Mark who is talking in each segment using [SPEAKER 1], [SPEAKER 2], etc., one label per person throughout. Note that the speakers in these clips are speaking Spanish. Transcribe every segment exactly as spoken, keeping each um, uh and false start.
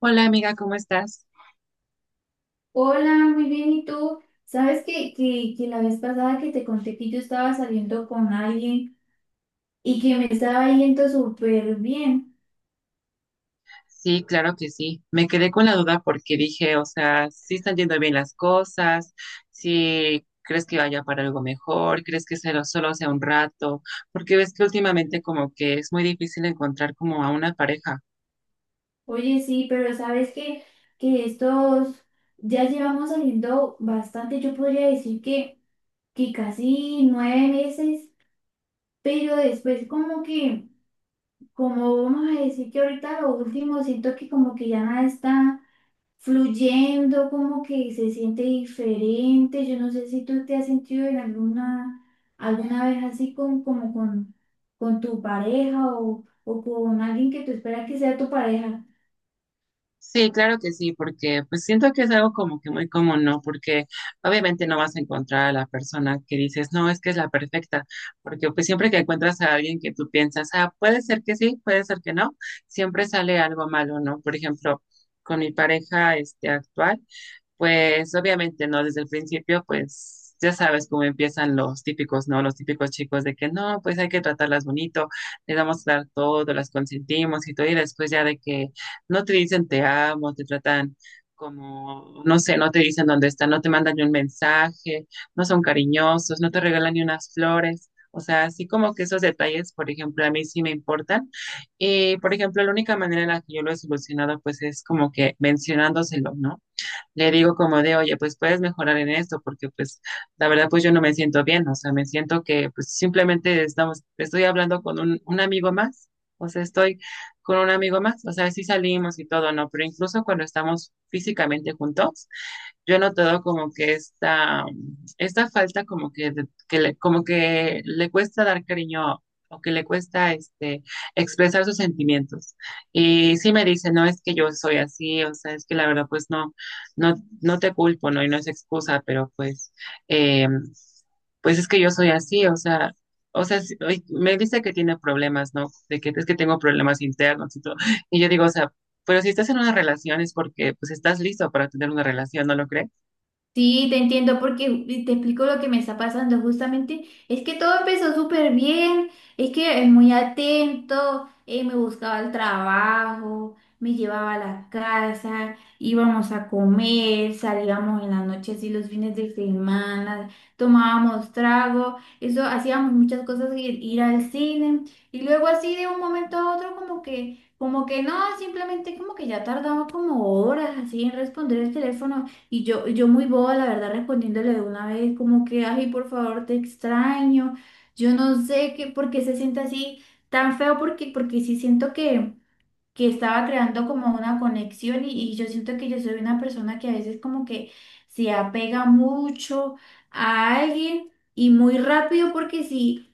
[SPEAKER 1] Hola amiga, ¿cómo estás?
[SPEAKER 2] Hola, muy bien. ¿Y tú? ¿Sabes que, que, que la vez pasada que te conté que yo estaba saliendo con alguien y que me estaba yendo súper bien?
[SPEAKER 1] Sí, claro que sí. Me quedé con la duda porque dije, o sea, si están yendo bien las cosas, si crees que vaya para algo mejor, crees que se lo- solo sea un rato, porque ves que últimamente como que es muy difícil encontrar como a una pareja.
[SPEAKER 2] Oye, sí, pero ¿sabes que, que estos ya llevamos saliendo bastante? Yo podría decir que, que casi nueve meses, pero después como que, como vamos a decir que ahorita lo último, siento que como que ya nada está fluyendo, como que se siente diferente. Yo no sé si tú te has sentido en alguna, alguna vez así con, como con, con tu pareja o, o con alguien que tú esperas que sea tu pareja.
[SPEAKER 1] Sí, claro que sí, porque pues siento que es algo como que muy común, ¿no? Porque obviamente no vas a encontrar a la persona que dices, no, es que es la perfecta, porque pues siempre que encuentras a alguien que tú piensas, ah, puede ser que sí, puede ser que no, siempre sale algo malo, ¿no? Por ejemplo, con mi pareja este actual. Pues obviamente no, desde el principio, pues ya sabes cómo empiezan los típicos, ¿no? Los típicos chicos de que no, pues hay que tratarlas bonito, les vamos a dar todo, las consentimos y todo, y después ya de que no te dicen te amo, te tratan como, no sé, no te dicen dónde están, no te mandan ni un mensaje, no son cariñosos, no te regalan ni unas flores. O sea, así como que esos detalles, por ejemplo, a mí sí me importan. Y, por ejemplo, la única manera en la que yo lo he solucionado, pues es como que mencionándoselo, ¿no? Le digo como de, oye, pues puedes mejorar en esto, porque pues la verdad pues yo no me siento bien, o sea, me siento que pues simplemente estamos, estoy hablando con un, un amigo más, o sea, estoy con un amigo más, o sea, sí salimos y todo, ¿no? Pero incluso cuando estamos físicamente juntos, yo he notado como que esta, esta falta como que, de- que le, como que le cuesta dar cariño o que le cuesta este, expresar sus sentimientos. Y sí me dice, no es que yo soy así, o sea, es que la verdad pues no, no, no te culpo, ¿no? Y no es excusa, pero pues, eh, pues es que yo soy así, o sea. O sea, sí, ay, me dice que tiene problemas, ¿no? De que es que tengo problemas internos y todo. Y yo digo, o sea, pero si estás en una relación es porque pues estás listo para tener una relación, ¿no lo crees?
[SPEAKER 2] Sí, te entiendo porque y te explico lo que me está pasando justamente. Es que todo empezó súper bien, es que es muy atento, eh, me buscaba el trabajo, me llevaba a la casa, íbamos a comer, salíamos en las noches y los fines de semana, tomábamos trago, eso hacíamos muchas cosas, ir, ir al cine y luego así de un momento a otro como que, como que no, simplemente como que ya tardaba como horas así en responder el teléfono. Y yo, yo muy boba, la verdad, respondiéndole de una vez, como que, ay, por favor, te extraño. Yo no sé qué, por qué se siente así tan feo, porque, porque sí siento que, que estaba creando como una conexión y, y yo siento que yo soy una persona que a veces como que se apega mucho a alguien y muy rápido, porque sí.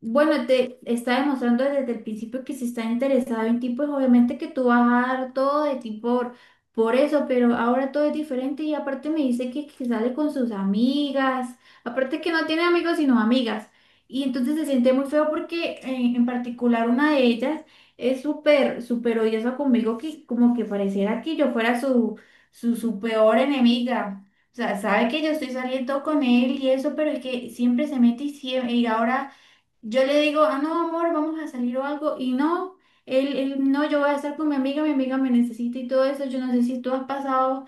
[SPEAKER 2] Bueno, te está demostrando desde el principio que si está interesado en ti, pues obviamente que tú vas a dar todo de ti por, por eso, pero ahora todo es diferente y aparte me dice que, que sale con sus amigas, aparte que no tiene amigos sino amigas, y entonces se siente muy feo porque eh, en particular una de ellas es súper, súper odiosa conmigo que como que pareciera que yo fuera su, su, su peor enemiga. O sea, sabe que yo estoy saliendo con él y eso, pero es que siempre se mete y, siem- y ahora. Yo le digo, ah, no, amor, vamos a salir o algo, y no, él, él, no, yo voy a estar con mi amiga, mi amiga me necesita y todo eso, yo no sé si tú has pasado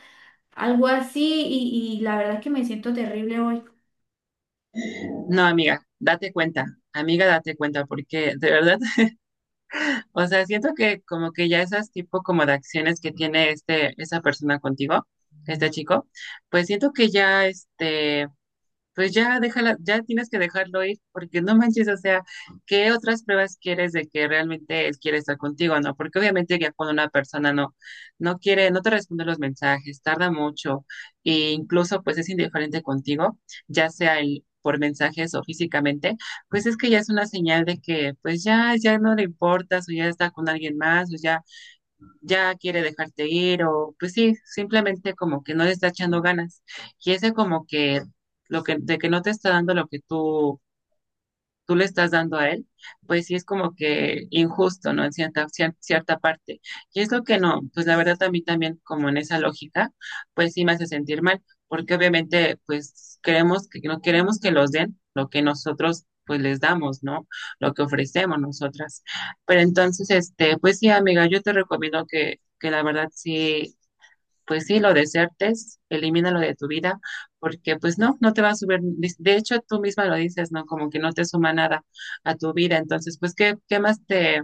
[SPEAKER 2] algo así, y, y la verdad es que me siento terrible hoy.
[SPEAKER 1] No, amiga, date cuenta, amiga, date cuenta, porque de verdad, o sea, siento que como que ya esas tipo como de acciones que tiene este, esa persona contigo, este chico, pues siento que ya este, pues ya déjala, ya tienes que dejarlo ir, porque no manches, o sea, ¿qué otras pruebas quieres de que realmente él quiere estar contigo, no? Porque obviamente ya cuando una persona no, no quiere, no te responde los mensajes, tarda mucho, e incluso pues es indiferente contigo, ya sea el por mensajes o físicamente, pues es que ya es una señal de que pues ya, ya no le importas, o ya está con alguien más, o ya ya quiere dejarte ir o pues sí, simplemente como que no le está echando ganas. Y ese como que lo que de que no te está dando lo que tú tú le estás dando a él, pues sí es como que injusto, ¿no? En cierta, cier- cierta parte. Y es lo que no, pues la verdad a mí también como en esa lógica, pues sí me hace sentir mal, porque obviamente pues queremos que no queremos que los den lo que nosotros pues les damos, ¿no? Lo que ofrecemos nosotras. Pero entonces, este, pues sí, amiga, yo te recomiendo que, que la verdad sí pues sí, lo desertes, elimínalo de tu vida, porque pues no, no te va a subir, de hecho tú misma lo dices, ¿no? Como que no te suma nada a tu vida, entonces pues ¿qué, qué más te,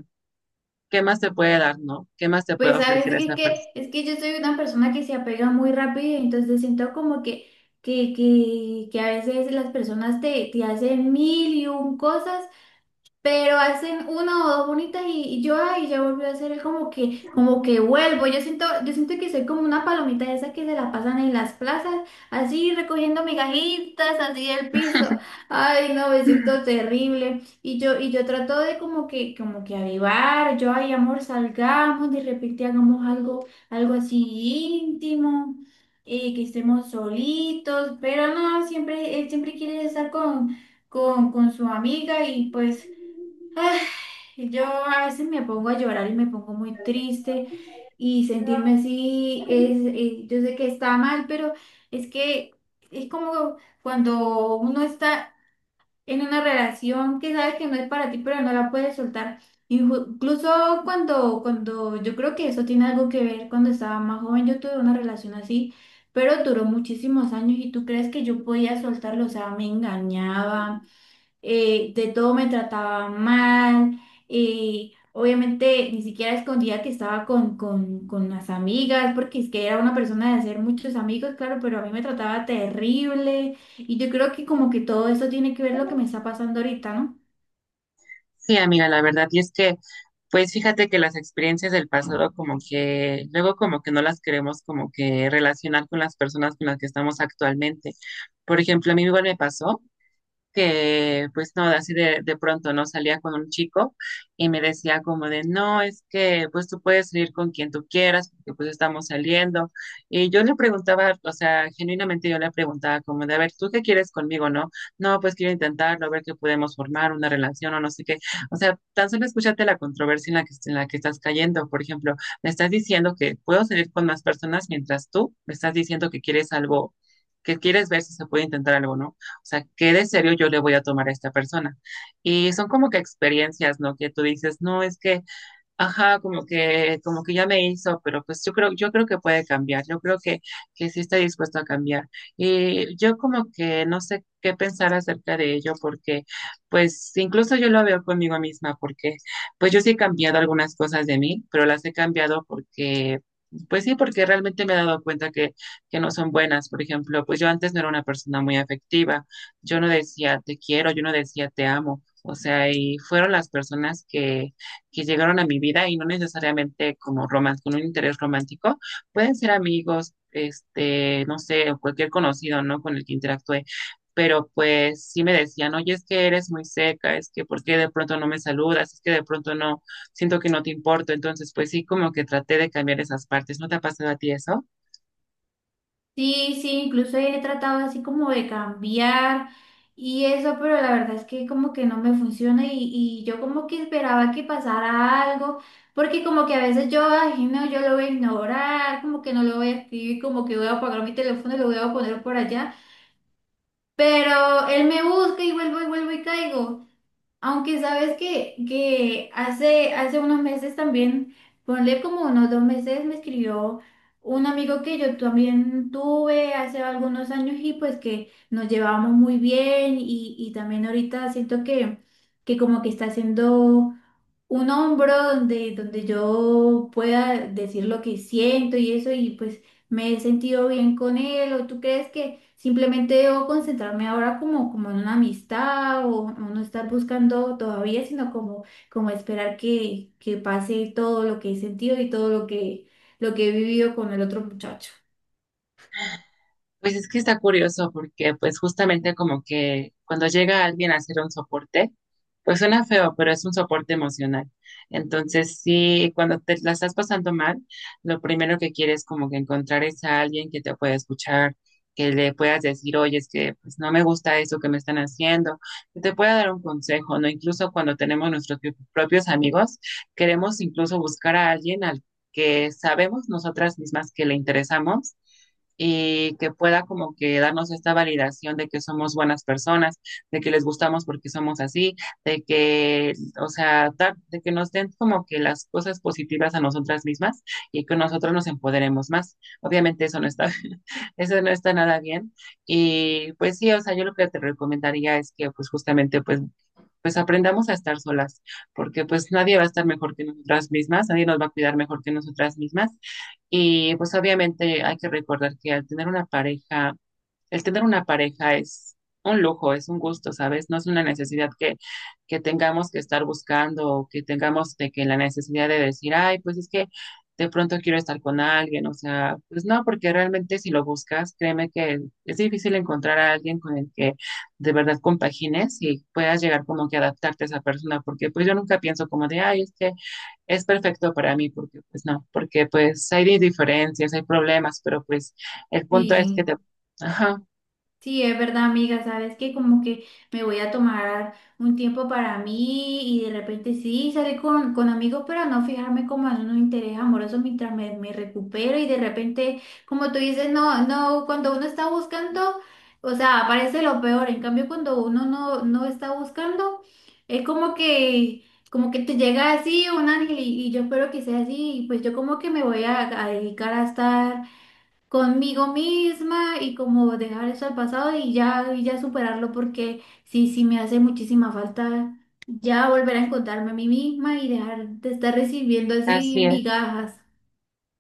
[SPEAKER 1] qué más te puede dar, ¿no? ¿Qué más te
[SPEAKER 2] Pues
[SPEAKER 1] puede
[SPEAKER 2] sabes
[SPEAKER 1] ofrecer
[SPEAKER 2] que es
[SPEAKER 1] esa persona?
[SPEAKER 2] que, es que yo soy una persona que se apega muy rápido, entonces siento como que, que, que, que a veces las personas te, te hacen mil y un cosas pero hacen una o dos bonitas y, y yo, ay, ya volví a hacer, es como que, como que vuelvo. Yo siento, yo siento que soy como una palomita de esas que se la pasan en las plazas, así recogiendo migajitas, así del piso. Ay, no, me siento terrible. Y yo, y yo trato de como que, como que avivar, yo, ay, amor, salgamos, de repente hagamos algo, algo así íntimo. eh, que estemos solitos, pero no, siempre, él siempre quiere estar con, con, con su amiga y pues yo a veces me pongo a llorar y me pongo muy triste y sentirme así es, eh, yo sé que está mal, pero es que es como cuando uno está en una relación que sabes que no es para ti, pero no la puedes soltar. Inju- Incluso cuando, cuando yo creo que eso tiene algo que ver, cuando estaba más joven yo tuve una relación así, pero duró muchísimos años y tú crees que yo podía soltarlo, o sea, me engañaba, eh, de todo me trataba mal, eh, obviamente ni siquiera escondía que estaba con, con, con las amigas, porque es que era una persona de hacer muchos amigos, claro, pero a mí me trataba terrible y yo creo que como que todo eso tiene que ver lo que me está pasando ahorita, ¿no?
[SPEAKER 1] Sí, amiga, la verdad, y es que pues fíjate que las experiencias del pasado como que luego como que no las queremos como que relacionar con las personas con las que estamos actualmente. Por ejemplo, a mí igual me pasó que pues no, así de, de pronto no salía con un chico y me decía como de, no, es que pues tú puedes salir con quien tú quieras, porque pues estamos saliendo. Y yo le preguntaba, o sea, genuinamente yo le preguntaba como de, a ver, ¿tú qué quieres conmigo, no? No, pues quiero intentarlo, a ver qué podemos formar, una relación o no sé qué. O sea, tan solo escúchate la controversia en la que, en la que estás cayendo. Por ejemplo, me estás diciendo que puedo salir con más personas mientras tú me estás diciendo que quieres algo, que quieres ver si se puede intentar algo, ¿no? O sea, ¿qué de serio yo le voy a tomar a esta persona? Y son como que experiencias, ¿no? Que tú dices, no, es que ajá, como que, como que ya me hizo, pero pues yo creo, yo creo que puede cambiar, yo creo que, que sí está dispuesto a cambiar. Y yo como que no sé qué pensar acerca de ello, porque pues incluso yo lo veo conmigo misma, porque pues yo sí he cambiado algunas cosas de mí, pero las he cambiado porque, pues sí, porque realmente me he dado cuenta que, que no son buenas. Por ejemplo, pues yo antes no era una persona muy afectiva, yo no decía te quiero, yo no decía te amo. O sea, y fueron las personas que que llegaron a mi vida y no necesariamente como romance, con un interés romántico, pueden ser amigos, este, no sé, o cualquier conocido, ¿no? Con el que interactué. Pero pues sí me decían, oye, es que eres muy seca, es que por qué de pronto no me saludas, es que de pronto no, siento que no te importo. Entonces, pues sí, como que traté de cambiar esas partes. ¿No te ha pasado a ti eso?
[SPEAKER 2] Sí, sí, incluso he tratado así como de cambiar y eso, pero la verdad es que como que no me funciona y, y yo como que esperaba que pasara algo, porque como que a veces yo, ay, no, yo lo voy a ignorar, como que no lo voy a escribir, como que voy a apagar mi teléfono y lo voy a poner por allá, pero él me busca y vuelvo y vuelvo y caigo. Aunque sabes que, que hace, hace unos meses también, ponle como unos dos meses, me escribió un amigo que yo también tuve hace algunos años y pues que nos llevábamos muy bien y, y también ahorita siento que, que como que está haciendo un hombro donde, donde yo pueda decir lo que siento y eso, y pues me he sentido bien con él, o tú crees que simplemente debo concentrarme ahora como, como, en una amistad o, o no estar buscando todavía, sino como, como esperar que, que pase todo lo que he sentido y todo lo que, lo que he vivido con el otro muchacho.
[SPEAKER 1] Pues es que está curioso porque pues justamente como que cuando llega alguien a hacer un soporte, pues suena feo, pero es un soporte emocional. Entonces sí, cuando te la estás pasando mal, lo primero que quieres como que encontrar es a alguien que te pueda escuchar, que le puedas decir, oye, es que pues no me gusta eso que me están haciendo, que te pueda dar un consejo, ¿no? Incluso cuando tenemos nuestros pi- propios amigos, queremos incluso buscar a alguien al que sabemos nosotras mismas que le interesamos y que pueda como que darnos esta validación de que somos buenas personas, de que les gustamos porque somos así, de que, o sea, dar- de que nos den como que las cosas positivas a nosotras mismas y que nosotros nos empoderemos más. Obviamente eso no está, eso no está nada bien. Y pues sí, o sea, yo lo que te recomendaría es que pues justamente pues pues aprendamos a estar solas, porque pues nadie va a estar mejor que nosotras mismas, nadie nos va a cuidar mejor que nosotras mismas y pues obviamente hay que recordar que al tener una pareja, el tener una pareja es un lujo, es un gusto, ¿sabes? No es una necesidad que, que tengamos que estar buscando o que tengamos de que la necesidad de decir, ay, pues es que de pronto quiero estar con alguien, o sea, pues no, porque realmente si lo buscas, créeme que es difícil encontrar a alguien con el que de verdad compagines y puedas llegar como que a adaptarte a esa persona, porque pues yo nunca pienso como de, ay, es que es perfecto para mí, porque pues no, porque pues hay diferencias, hay problemas, pero pues el punto es que te...
[SPEAKER 2] Sí.
[SPEAKER 1] Ajá,
[SPEAKER 2] Sí, es verdad, amiga, sabes que como que me voy a tomar un tiempo para mí y de repente sí salir con, con amigos, pero no fijarme como en un interés amoroso mientras me, me recupero y de repente, como tú dices, no, no, cuando uno está buscando, o sea, aparece lo peor, en cambio cuando uno no, no está buscando, es como que, como que te llega así un ángel y, y yo espero que sea así, y pues yo como que me voy a a dedicar a estar conmigo misma y como dejar eso al pasado y ya, y ya, superarlo porque sí, sí me hace muchísima falta ya volver a encontrarme a mí misma y dejar de estar recibiendo así
[SPEAKER 1] así es,
[SPEAKER 2] migajas.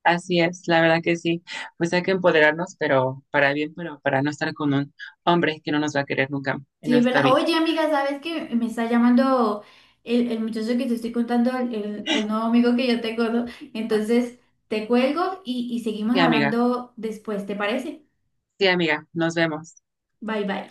[SPEAKER 1] así es, la verdad que sí, pues hay que empoderarnos, pero para bien, pero para no estar con un hombre que no nos va a querer nunca en
[SPEAKER 2] Sí, es
[SPEAKER 1] nuestra
[SPEAKER 2] verdad.
[SPEAKER 1] vida.
[SPEAKER 2] Oye, amiga, ¿sabes qué? Me está llamando el, el muchacho que te estoy contando, el, el- el nuevo amigo que yo tengo, ¿no? Entonces, te cuelgo y, y seguimos
[SPEAKER 1] Sí, amiga,
[SPEAKER 2] hablando después, ¿te parece?
[SPEAKER 1] sí, amiga, nos vemos.
[SPEAKER 2] Bye bye.